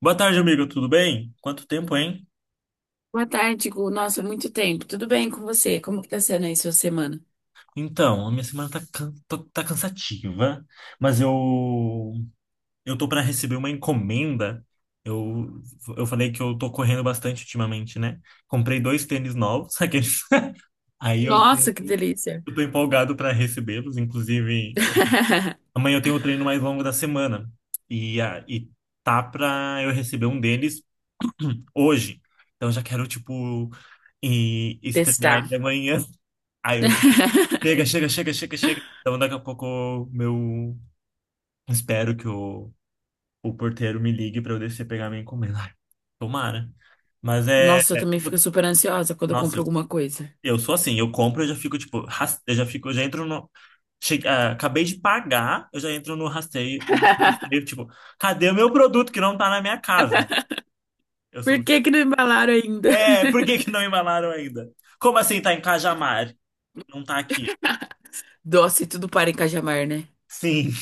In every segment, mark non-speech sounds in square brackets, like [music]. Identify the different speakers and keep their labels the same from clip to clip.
Speaker 1: Boa tarde, amigo. Tudo bem? Quanto tempo, hein?
Speaker 2: Boa tarde, Gu. Nossa, muito tempo. Tudo bem com você? Como que tá sendo aí sua semana?
Speaker 1: Então, a minha semana tá cansativa, mas eu tô para receber uma encomenda. Eu, eu falei que eu tô correndo bastante ultimamente, né? Comprei dois tênis novos, [laughs] aqueles. Aí eu, tô-
Speaker 2: Nossa, que delícia.
Speaker 1: eu tô empolgado para recebê-los. Inclusive,
Speaker 2: [laughs]
Speaker 1: amanhã eu tenho o treino mais longo da semana e tá pra eu receber um deles hoje. Então, já quero, tipo, e estrear ele
Speaker 2: Testar.
Speaker 1: amanhã. [laughs] Aí eu
Speaker 2: [laughs]
Speaker 1: Chega, chega, chega, chega, chega. Então, daqui a pouco, meu. Espero que o porteiro me ligue para eu descer pegar minha encomenda. [laughs] Ai, tomara. Mas
Speaker 2: Nossa, eu também fico
Speaker 1: eu-
Speaker 2: super ansiosa quando eu
Speaker 1: Nossa,
Speaker 2: compro
Speaker 1: eu,
Speaker 2: alguma coisa.
Speaker 1: eu sou assim. Eu compro, eu já fico, tipo. Eu já fico, eu já entro no. Acabei de pagar, eu já entro no rasteio, no
Speaker 2: [laughs]
Speaker 1: rastreio, tipo, cadê o meu produto que não tá na minha casa? Eu
Speaker 2: Por
Speaker 1: sou.
Speaker 2: que que não embalaram ainda?
Speaker 1: É, por que que não embalaram ainda? Como assim tá em Cajamar? Não tá aqui.
Speaker 2: [laughs] Doce, tudo para em Cajamar, né?
Speaker 1: Sim,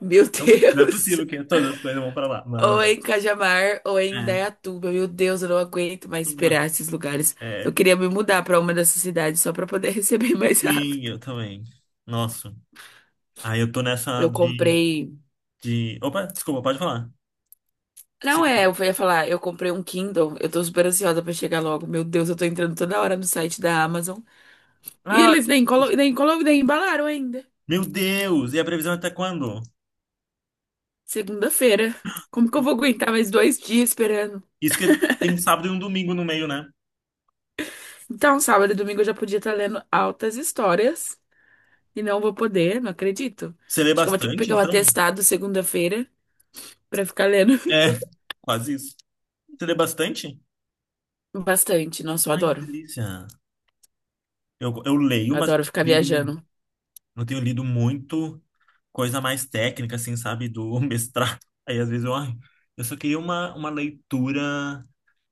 Speaker 2: Meu
Speaker 1: não, não é
Speaker 2: Deus.
Speaker 1: possível que
Speaker 2: [laughs]
Speaker 1: todas as coisas vão pra lá. Mas.
Speaker 2: Ou é em Cajamar ou é em
Speaker 1: É.
Speaker 2: Indaiatuba. Meu Deus, eu não aguento mais
Speaker 1: Uma-
Speaker 2: esperar esses lugares. Eu
Speaker 1: É,
Speaker 2: queria me mudar para uma dessas cidades só para poder [laughs] receber mais
Speaker 1: sim,
Speaker 2: rápido.
Speaker 1: eu também. Nossa. Aí eu tô nessa
Speaker 2: Eu
Speaker 1: de,
Speaker 2: comprei.
Speaker 1: de... Opa, desculpa, pode falar. Se-
Speaker 2: Não é, eu ia falar, eu comprei um Kindle, eu tô super ansiosa pra chegar logo. Meu Deus, eu tô entrando toda hora no site da Amazon. E
Speaker 1: Ah,
Speaker 2: eles nem colo, nem colo, nem embalaram ainda.
Speaker 1: meu Deus! E a previsão é até quando?
Speaker 2: Segunda-feira. Como que eu
Speaker 1: Eu-
Speaker 2: vou aguentar mais 2 dias esperando?
Speaker 1: Isso que tem um sábado e um domingo no meio, né?
Speaker 2: Então, sábado e domingo eu já podia estar lendo altas histórias. E não vou poder, não acredito.
Speaker 1: Você lê
Speaker 2: Acho que eu vou ter que
Speaker 1: bastante,
Speaker 2: pegar um
Speaker 1: então?
Speaker 2: atestado segunda-feira pra ficar lendo
Speaker 1: É, [laughs] quase isso. Você lê bastante?
Speaker 2: [laughs] bastante. Nossa, eu
Speaker 1: Ai, que
Speaker 2: adoro.
Speaker 1: delícia. Eu leio,
Speaker 2: Eu
Speaker 1: mas eu
Speaker 2: adoro ficar
Speaker 1: tenho lido,
Speaker 2: viajando.
Speaker 1: eu tenho lido muito coisa mais técnica, assim, sabe? Do [laughs] mestrado. Aí às vezes ai, eu só queria uma leitura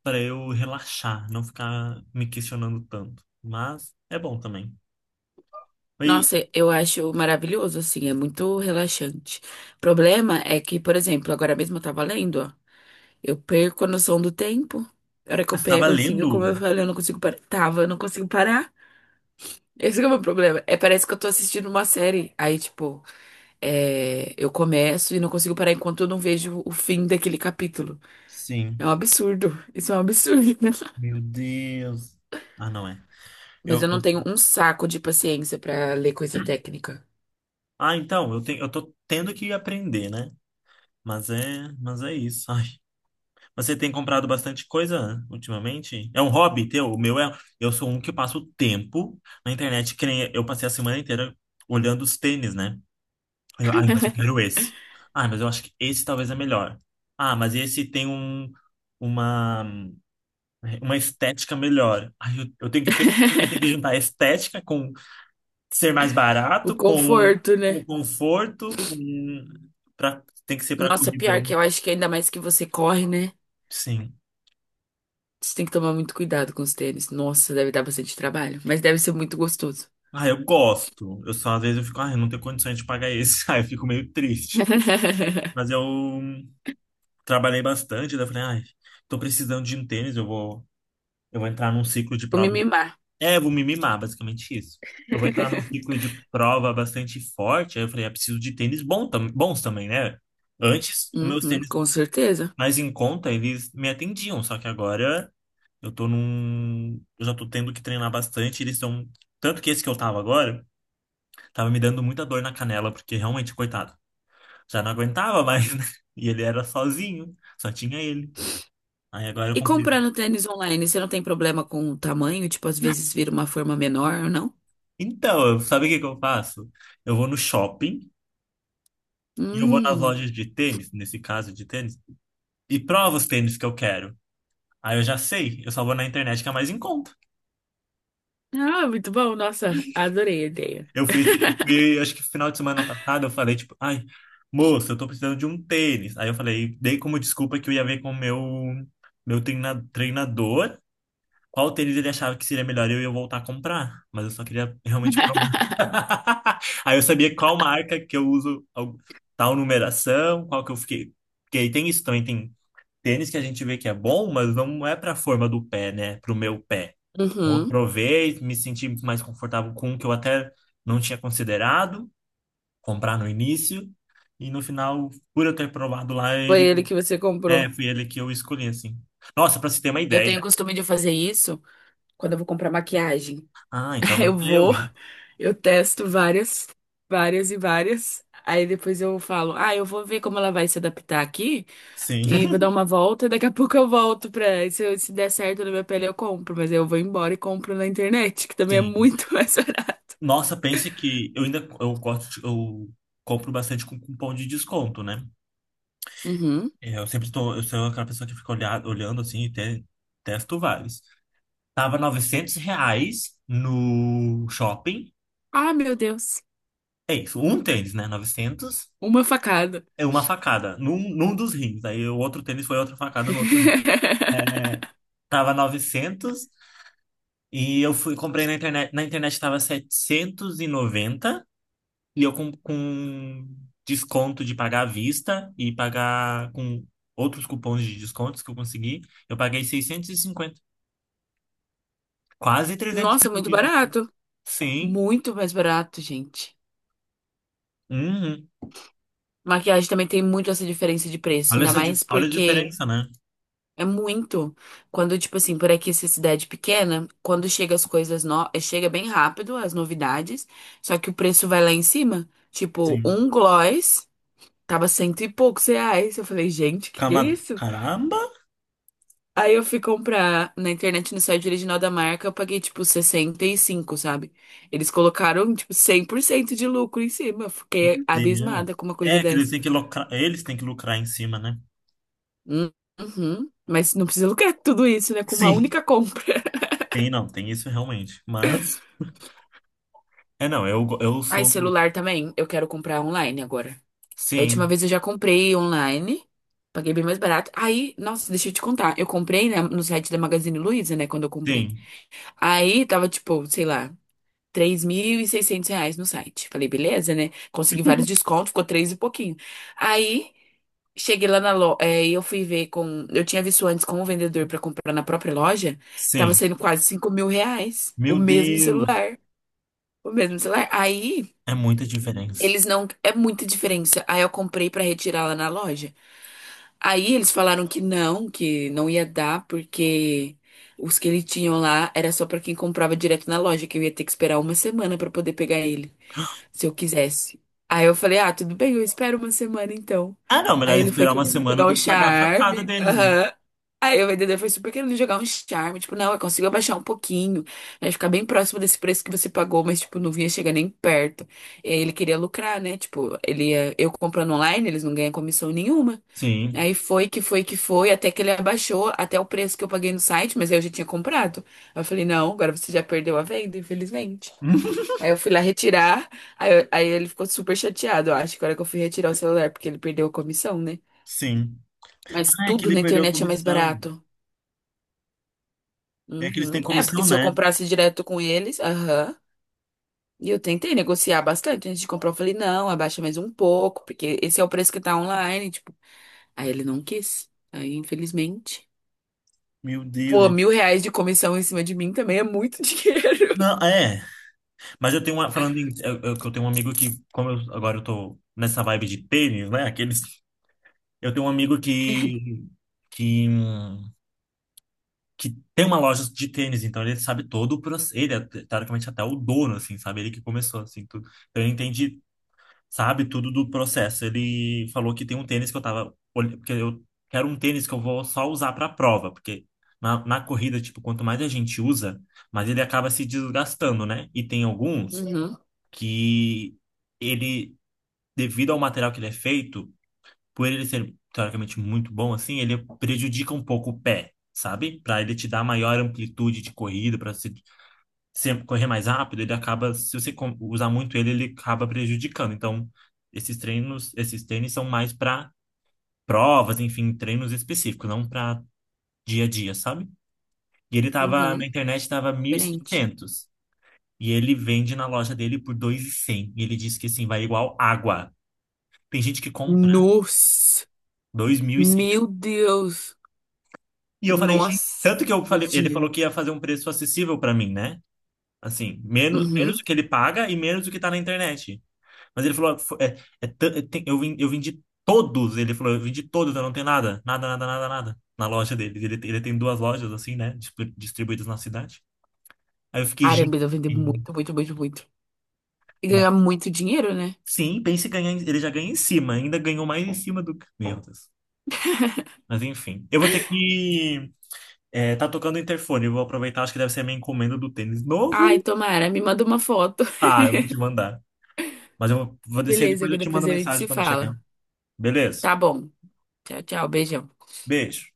Speaker 1: para eu relaxar, não ficar me questionando tanto. Mas é bom também. E
Speaker 2: Nossa, eu acho maravilhoso, assim, é muito relaxante. O problema é que, por exemplo, agora mesmo eu tava lendo, ó, eu perco a noção do tempo. A hora que
Speaker 1: eu
Speaker 2: eu
Speaker 1: estava
Speaker 2: pego, assim, eu, como
Speaker 1: lendo?
Speaker 2: eu falei, eu não consigo parar. Tava, eu não consigo parar. [laughs] Esse que é o meu problema. É, parece que eu tô assistindo uma série. Aí, tipo, é, eu começo e não consigo parar enquanto eu não vejo o fim daquele capítulo.
Speaker 1: Sim.
Speaker 2: É um absurdo. [laughs] Isso é um absurdo. [laughs]
Speaker 1: Meu Deus. Ah, não é.
Speaker 2: Mas eu não
Speaker 1: Eu-
Speaker 2: tenho um saco de paciência pra ler coisa técnica.
Speaker 1: Ah, então, eu tô tendo que aprender, né? Mas é isso. [laughs] Ai. Você tem comprado bastante coisa ultimamente? É um hobby teu? O meu é. Eu sou um que passo o tempo na internet, que nem eu passei a semana inteira olhando os tênis, né? Aí ai, mas eu quero esse. Ah, mas eu acho que esse talvez é melhor. Ah, mas esse tem uma, uma estética melhor. Ai, eu tenho que ter, eu tenho que juntar estética com ser mais
Speaker 2: O
Speaker 1: barato, com,
Speaker 2: conforto, né?
Speaker 1: com conforto, com pra, tem que ser para
Speaker 2: Nossa, pior
Speaker 1: corridão.
Speaker 2: que eu acho que ainda mais que você corre, né?
Speaker 1: Sim.
Speaker 2: Você tem que tomar muito cuidado com os tênis. Nossa, deve dar bastante trabalho, mas deve ser muito gostoso.
Speaker 1: Ah, eu gosto. Eu só às vezes eu fico, ah, eu não tenho condições de pagar esse. [laughs] Ah, eu fico meio triste.
Speaker 2: [laughs]
Speaker 1: Mas eu trabalhei bastante, daí eu falei, ai, tô precisando de um tênis, eu vou entrar num ciclo de
Speaker 2: Vou me
Speaker 1: prova.
Speaker 2: mimar.
Speaker 1: É, vou me mimar, basicamente isso. Eu vou entrar num ciclo de prova bastante forte. Aí eu falei, ah, preciso de tênis bom bons também, né? Antes, os meus
Speaker 2: Uhum,
Speaker 1: tênis
Speaker 2: com certeza.
Speaker 1: mais em conta, eles me atendiam. Só que agora eu tô num. Eu já tô tendo que treinar bastante. Eles estão. Tanto que esse que eu tava agora, tava me dando muita dor na canela, porque realmente, coitado, já não aguentava [laughs] mais, né? E ele era sozinho, só tinha ele. Aí agora eu
Speaker 2: E
Speaker 1: comprei.
Speaker 2: comprando tênis online, você não tem problema com o tamanho? Tipo, às vezes vira uma forma menor ou não?
Speaker 1: Então, eu- sabe o que que eu faço? Eu vou no shopping. E eu vou nas
Speaker 2: Hum.
Speaker 1: lojas de tênis, nesse caso de tênis, e provo os tênis que eu quero. Aí eu já sei, eu só vou na internet que é mais em conta.
Speaker 2: Ah, muito bom. Nossa, adorei a ideia.
Speaker 1: Eu fui, acho que final de semana passada, eu falei, tipo, ai, moça, eu tô precisando de um tênis. Aí eu falei, dei como desculpa que eu ia ver com o meu treinador qual tênis ele achava que seria melhor e eu ia voltar a comprar. Mas eu só queria realmente provar. [laughs] Aí eu sabia qual marca que eu uso, tal numeração, qual que eu fiquei. Porque aí tem isso também, tem tênis que a gente vê que é bom, mas não é para a forma do pé, né? Para o meu pé. Então, eu
Speaker 2: Uhum.
Speaker 1: provei, me senti mais confortável com um que eu até não tinha considerado comprar no início. E no final, por eu ter provado lá,
Speaker 2: Foi
Speaker 1: ele
Speaker 2: ele que você
Speaker 1: é,
Speaker 2: comprou.
Speaker 1: foi ele que eu escolhi, assim. Nossa, para você ter uma
Speaker 2: Eu
Speaker 1: ideia.
Speaker 2: tenho o costume de fazer isso quando eu vou comprar maquiagem.
Speaker 1: Ah,
Speaker 2: [laughs]
Speaker 1: então não
Speaker 2: Eu
Speaker 1: é eu,
Speaker 2: vou,
Speaker 1: viu?
Speaker 2: eu testo várias, várias. Aí depois eu falo, ah, eu vou ver como ela vai se adaptar aqui
Speaker 1: Sim,
Speaker 2: e
Speaker 1: [laughs]
Speaker 2: vou dar uma volta. Daqui a [laughs] pouco eu volto pra. Se, se der certo na minha pele, eu compro. Mas aí eu vou embora e compro na internet, que também é
Speaker 1: sim.
Speaker 2: muito [laughs] mais barato.
Speaker 1: Nossa, pense que eu ainda eu gosto, de- eu compro bastante com cupom de desconto, né?
Speaker 2: Uhum.
Speaker 1: É, eu sempre estou, eu sou aquela pessoa que fica olhar, olhando assim e testo vários. Tava R$ 900 no shopping.
Speaker 2: Ah, meu Deus.
Speaker 1: É isso, um tênis, né? 900.
Speaker 2: Uma facada.
Speaker 1: É uma facada num dos rins. Aí o outro tênis foi outra facada no outro rim. É,
Speaker 2: [laughs]
Speaker 1: tava 900 e eu fui comprei na internet. Na internet tava 790 e eu com desconto de pagar à vista e pagar com outros cupons de descontos que eu consegui, eu paguei 650. Quase 300
Speaker 2: Nossa,
Speaker 1: reais.
Speaker 2: muito
Speaker 1: De-
Speaker 2: barato.
Speaker 1: Sim.
Speaker 2: Muito mais barato, gente.
Speaker 1: Uhum.
Speaker 2: Maquiagem também tem muito essa diferença de preço,
Speaker 1: Olha
Speaker 2: ainda
Speaker 1: essa,
Speaker 2: mais
Speaker 1: olha a
Speaker 2: porque
Speaker 1: diferença, né?
Speaker 2: é muito. Quando, tipo assim, por aqui, essa cidade pequena, quando chega as coisas no... chega bem rápido, as novidades, só que o preço vai lá em cima. Tipo,
Speaker 1: Sim.
Speaker 2: um gloss tava cento e poucos reais. Eu falei, gente, que é isso?
Speaker 1: Caramba!
Speaker 2: Aí eu fui comprar na internet, no site original da marca, eu paguei, tipo, 65, sabe? Eles colocaram, tipo, 100% de lucro em cima. Eu fiquei
Speaker 1: Meu
Speaker 2: abismada
Speaker 1: Deus.
Speaker 2: com uma coisa
Speaker 1: É que eles
Speaker 2: dessa.
Speaker 1: têm que lucrar, eles têm que lucrar em cima, né?
Speaker 2: Hum, Uhum. Mas não precisa lucrar tudo isso, né? Com uma
Speaker 1: Sim.
Speaker 2: única compra.
Speaker 1: Tem, não, tem isso realmente. Mas. É, não, eu, eu
Speaker 2: Ai,
Speaker 1: sou.
Speaker 2: celular também. Eu quero comprar online agora. Da última
Speaker 1: Sim,
Speaker 2: vez eu já comprei online. Paguei bem mais barato. Aí, nossa, deixa eu te contar. Eu comprei, né, no site da Magazine Luiza, né? Quando eu comprei.
Speaker 1: sim,
Speaker 2: Aí tava tipo, sei lá, R$ 3.600 no site. Falei, beleza, né? Consegui vários descontos, ficou três e pouquinho. Aí, cheguei lá na loja. E eu fui ver com. Eu tinha visto antes com o vendedor pra comprar na própria loja. Tava
Speaker 1: sim.
Speaker 2: saindo quase R$ 5.000. O
Speaker 1: Meu
Speaker 2: mesmo
Speaker 1: Deus!
Speaker 2: celular. O mesmo celular. Aí.
Speaker 1: É muita diferença.
Speaker 2: Eles não. É muita diferença. Aí eu comprei pra retirar lá na loja. Aí eles falaram que não ia dar, porque os que eles tinham lá era só pra quem comprava direto na loja, que eu ia ter que esperar uma semana pra poder pegar ele se eu quisesse. Aí eu falei, ah, tudo bem, eu espero uma semana então.
Speaker 1: Ah, não,
Speaker 2: Aí
Speaker 1: melhor
Speaker 2: ele foi
Speaker 1: esperar uma
Speaker 2: querendo
Speaker 1: semana
Speaker 2: jogar
Speaker 1: do
Speaker 2: um
Speaker 1: que pagar a facada
Speaker 2: charme,
Speaker 1: deles, né?
Speaker 2: aham. Aí o vendedor foi super querendo jogar um charme. Tipo, não, eu consigo abaixar um pouquinho, né? Ficar bem próximo desse preço que você pagou, mas, tipo, não vinha chegar nem perto. E aí ele queria lucrar, né? Tipo, eu comprando online, eles não ganham comissão nenhuma.
Speaker 1: Sim.
Speaker 2: Aí foi, até que ele abaixou até o preço que eu paguei no site, mas aí eu já tinha comprado. Aí eu falei, não, agora você já perdeu a venda, infelizmente.
Speaker 1: [laughs]
Speaker 2: Aí eu fui lá retirar, aí ele ficou super chateado, eu acho, que a hora que eu fui retirar o celular, porque ele perdeu a comissão, né?
Speaker 1: Sim.
Speaker 2: Mas
Speaker 1: Ah, é que
Speaker 2: tudo
Speaker 1: ele
Speaker 2: na
Speaker 1: perdeu a
Speaker 2: internet é mais
Speaker 1: comissão.
Speaker 2: barato.
Speaker 1: É que eles
Speaker 2: Uhum.
Speaker 1: têm
Speaker 2: É, porque
Speaker 1: comissão,
Speaker 2: se eu
Speaker 1: né?
Speaker 2: comprasse direto com eles, aham. E eu tentei negociar bastante antes de comprar, eu falei, não, abaixa mais um pouco, porque esse é o preço que tá online, tipo. Aí ele não quis. Aí, infelizmente.
Speaker 1: Meu Deus.
Speaker 2: Pô,
Speaker 1: é.
Speaker 2: R$ 1.000 de comissão em cima de mim também é muito [laughs] dinheiro.
Speaker 1: Não, é. Mas eu tenho uma, falando em, que eu tenho um amigo que, como eu, agora eu tô nessa vibe de tênis, né? Aqueles, eu tenho um amigo que, hum, que tem uma loja de tênis, então ele sabe todo o processo, ele é teoricamente até o dono, assim, sabe? Ele que começou, assim, tudo. Então ele entende, sabe tudo do processo. Ele falou que tem um tênis que eu tava, porque eu quero um tênis que eu vou só usar pra prova, porque na corrida, tipo, quanto mais a gente usa, mas ele acaba se desgastando, né? E tem alguns
Speaker 2: Uhum,
Speaker 1: que ele, devido ao material que ele é feito, por ele ser teoricamente muito bom assim, ele prejudica um pouco o pé, sabe? Para ele te dar maior amplitude de corrida, para você sempre correr mais rápido, ele acaba, se você usar muito ele, ele acaba prejudicando. Então, esses treinos, esses tênis são mais para provas, enfim, treinos específicos, não para dia a dia, sabe? E ele tava na
Speaker 2: uhum,
Speaker 1: internet, tava mil e
Speaker 2: diferente.
Speaker 1: setecentos e ele vende na loja dele por 2.100. E cem. E ele disse que assim, vai igual água. Tem gente que compra
Speaker 2: Nossa,
Speaker 1: dois mil e cem
Speaker 2: meu Deus.
Speaker 1: e eu falei, gente,
Speaker 2: Nossa,
Speaker 1: tanto que eu falei,
Speaker 2: muito
Speaker 1: ele falou
Speaker 2: dinheiro.
Speaker 1: que ia fazer um preço acessível pra mim, né? Assim, menos, menos
Speaker 2: Uhum.
Speaker 1: do que ele paga e menos do que tá na internet. Mas ele falou, É, é, eu vendi todos, ele falou, eu vendi todos, eu não tenho nada, nada, nada, nada, nada na loja dele. Ele tem duas lojas assim, né, distribuídas na cidade. Aí eu fiquei, gente,
Speaker 2: Caramba, eu vender muito. E ganhar
Speaker 1: nossa.
Speaker 2: muito dinheiro, né?
Speaker 1: Sim, pense em ganhar, ele já ganha em cima, ainda ganhou mais em cima do que, meu Deus. Mas enfim, eu vou ter que. É, tá tocando o interfone. Eu vou aproveitar, acho que deve ser a minha encomenda do tênis
Speaker 2: Ai,
Speaker 1: novo.
Speaker 2: tomara, me manda uma foto. [laughs]
Speaker 1: Ah, eu vou te mandar. Mas eu vou descer
Speaker 2: Beleza,
Speaker 1: depois eu
Speaker 2: que
Speaker 1: te
Speaker 2: depois
Speaker 1: mando
Speaker 2: a gente
Speaker 1: mensagem
Speaker 2: se
Speaker 1: quando chegar.
Speaker 2: fala.
Speaker 1: Beleza?
Speaker 2: Tá bom. Tchau, tchau. Beijão.
Speaker 1: Beijo.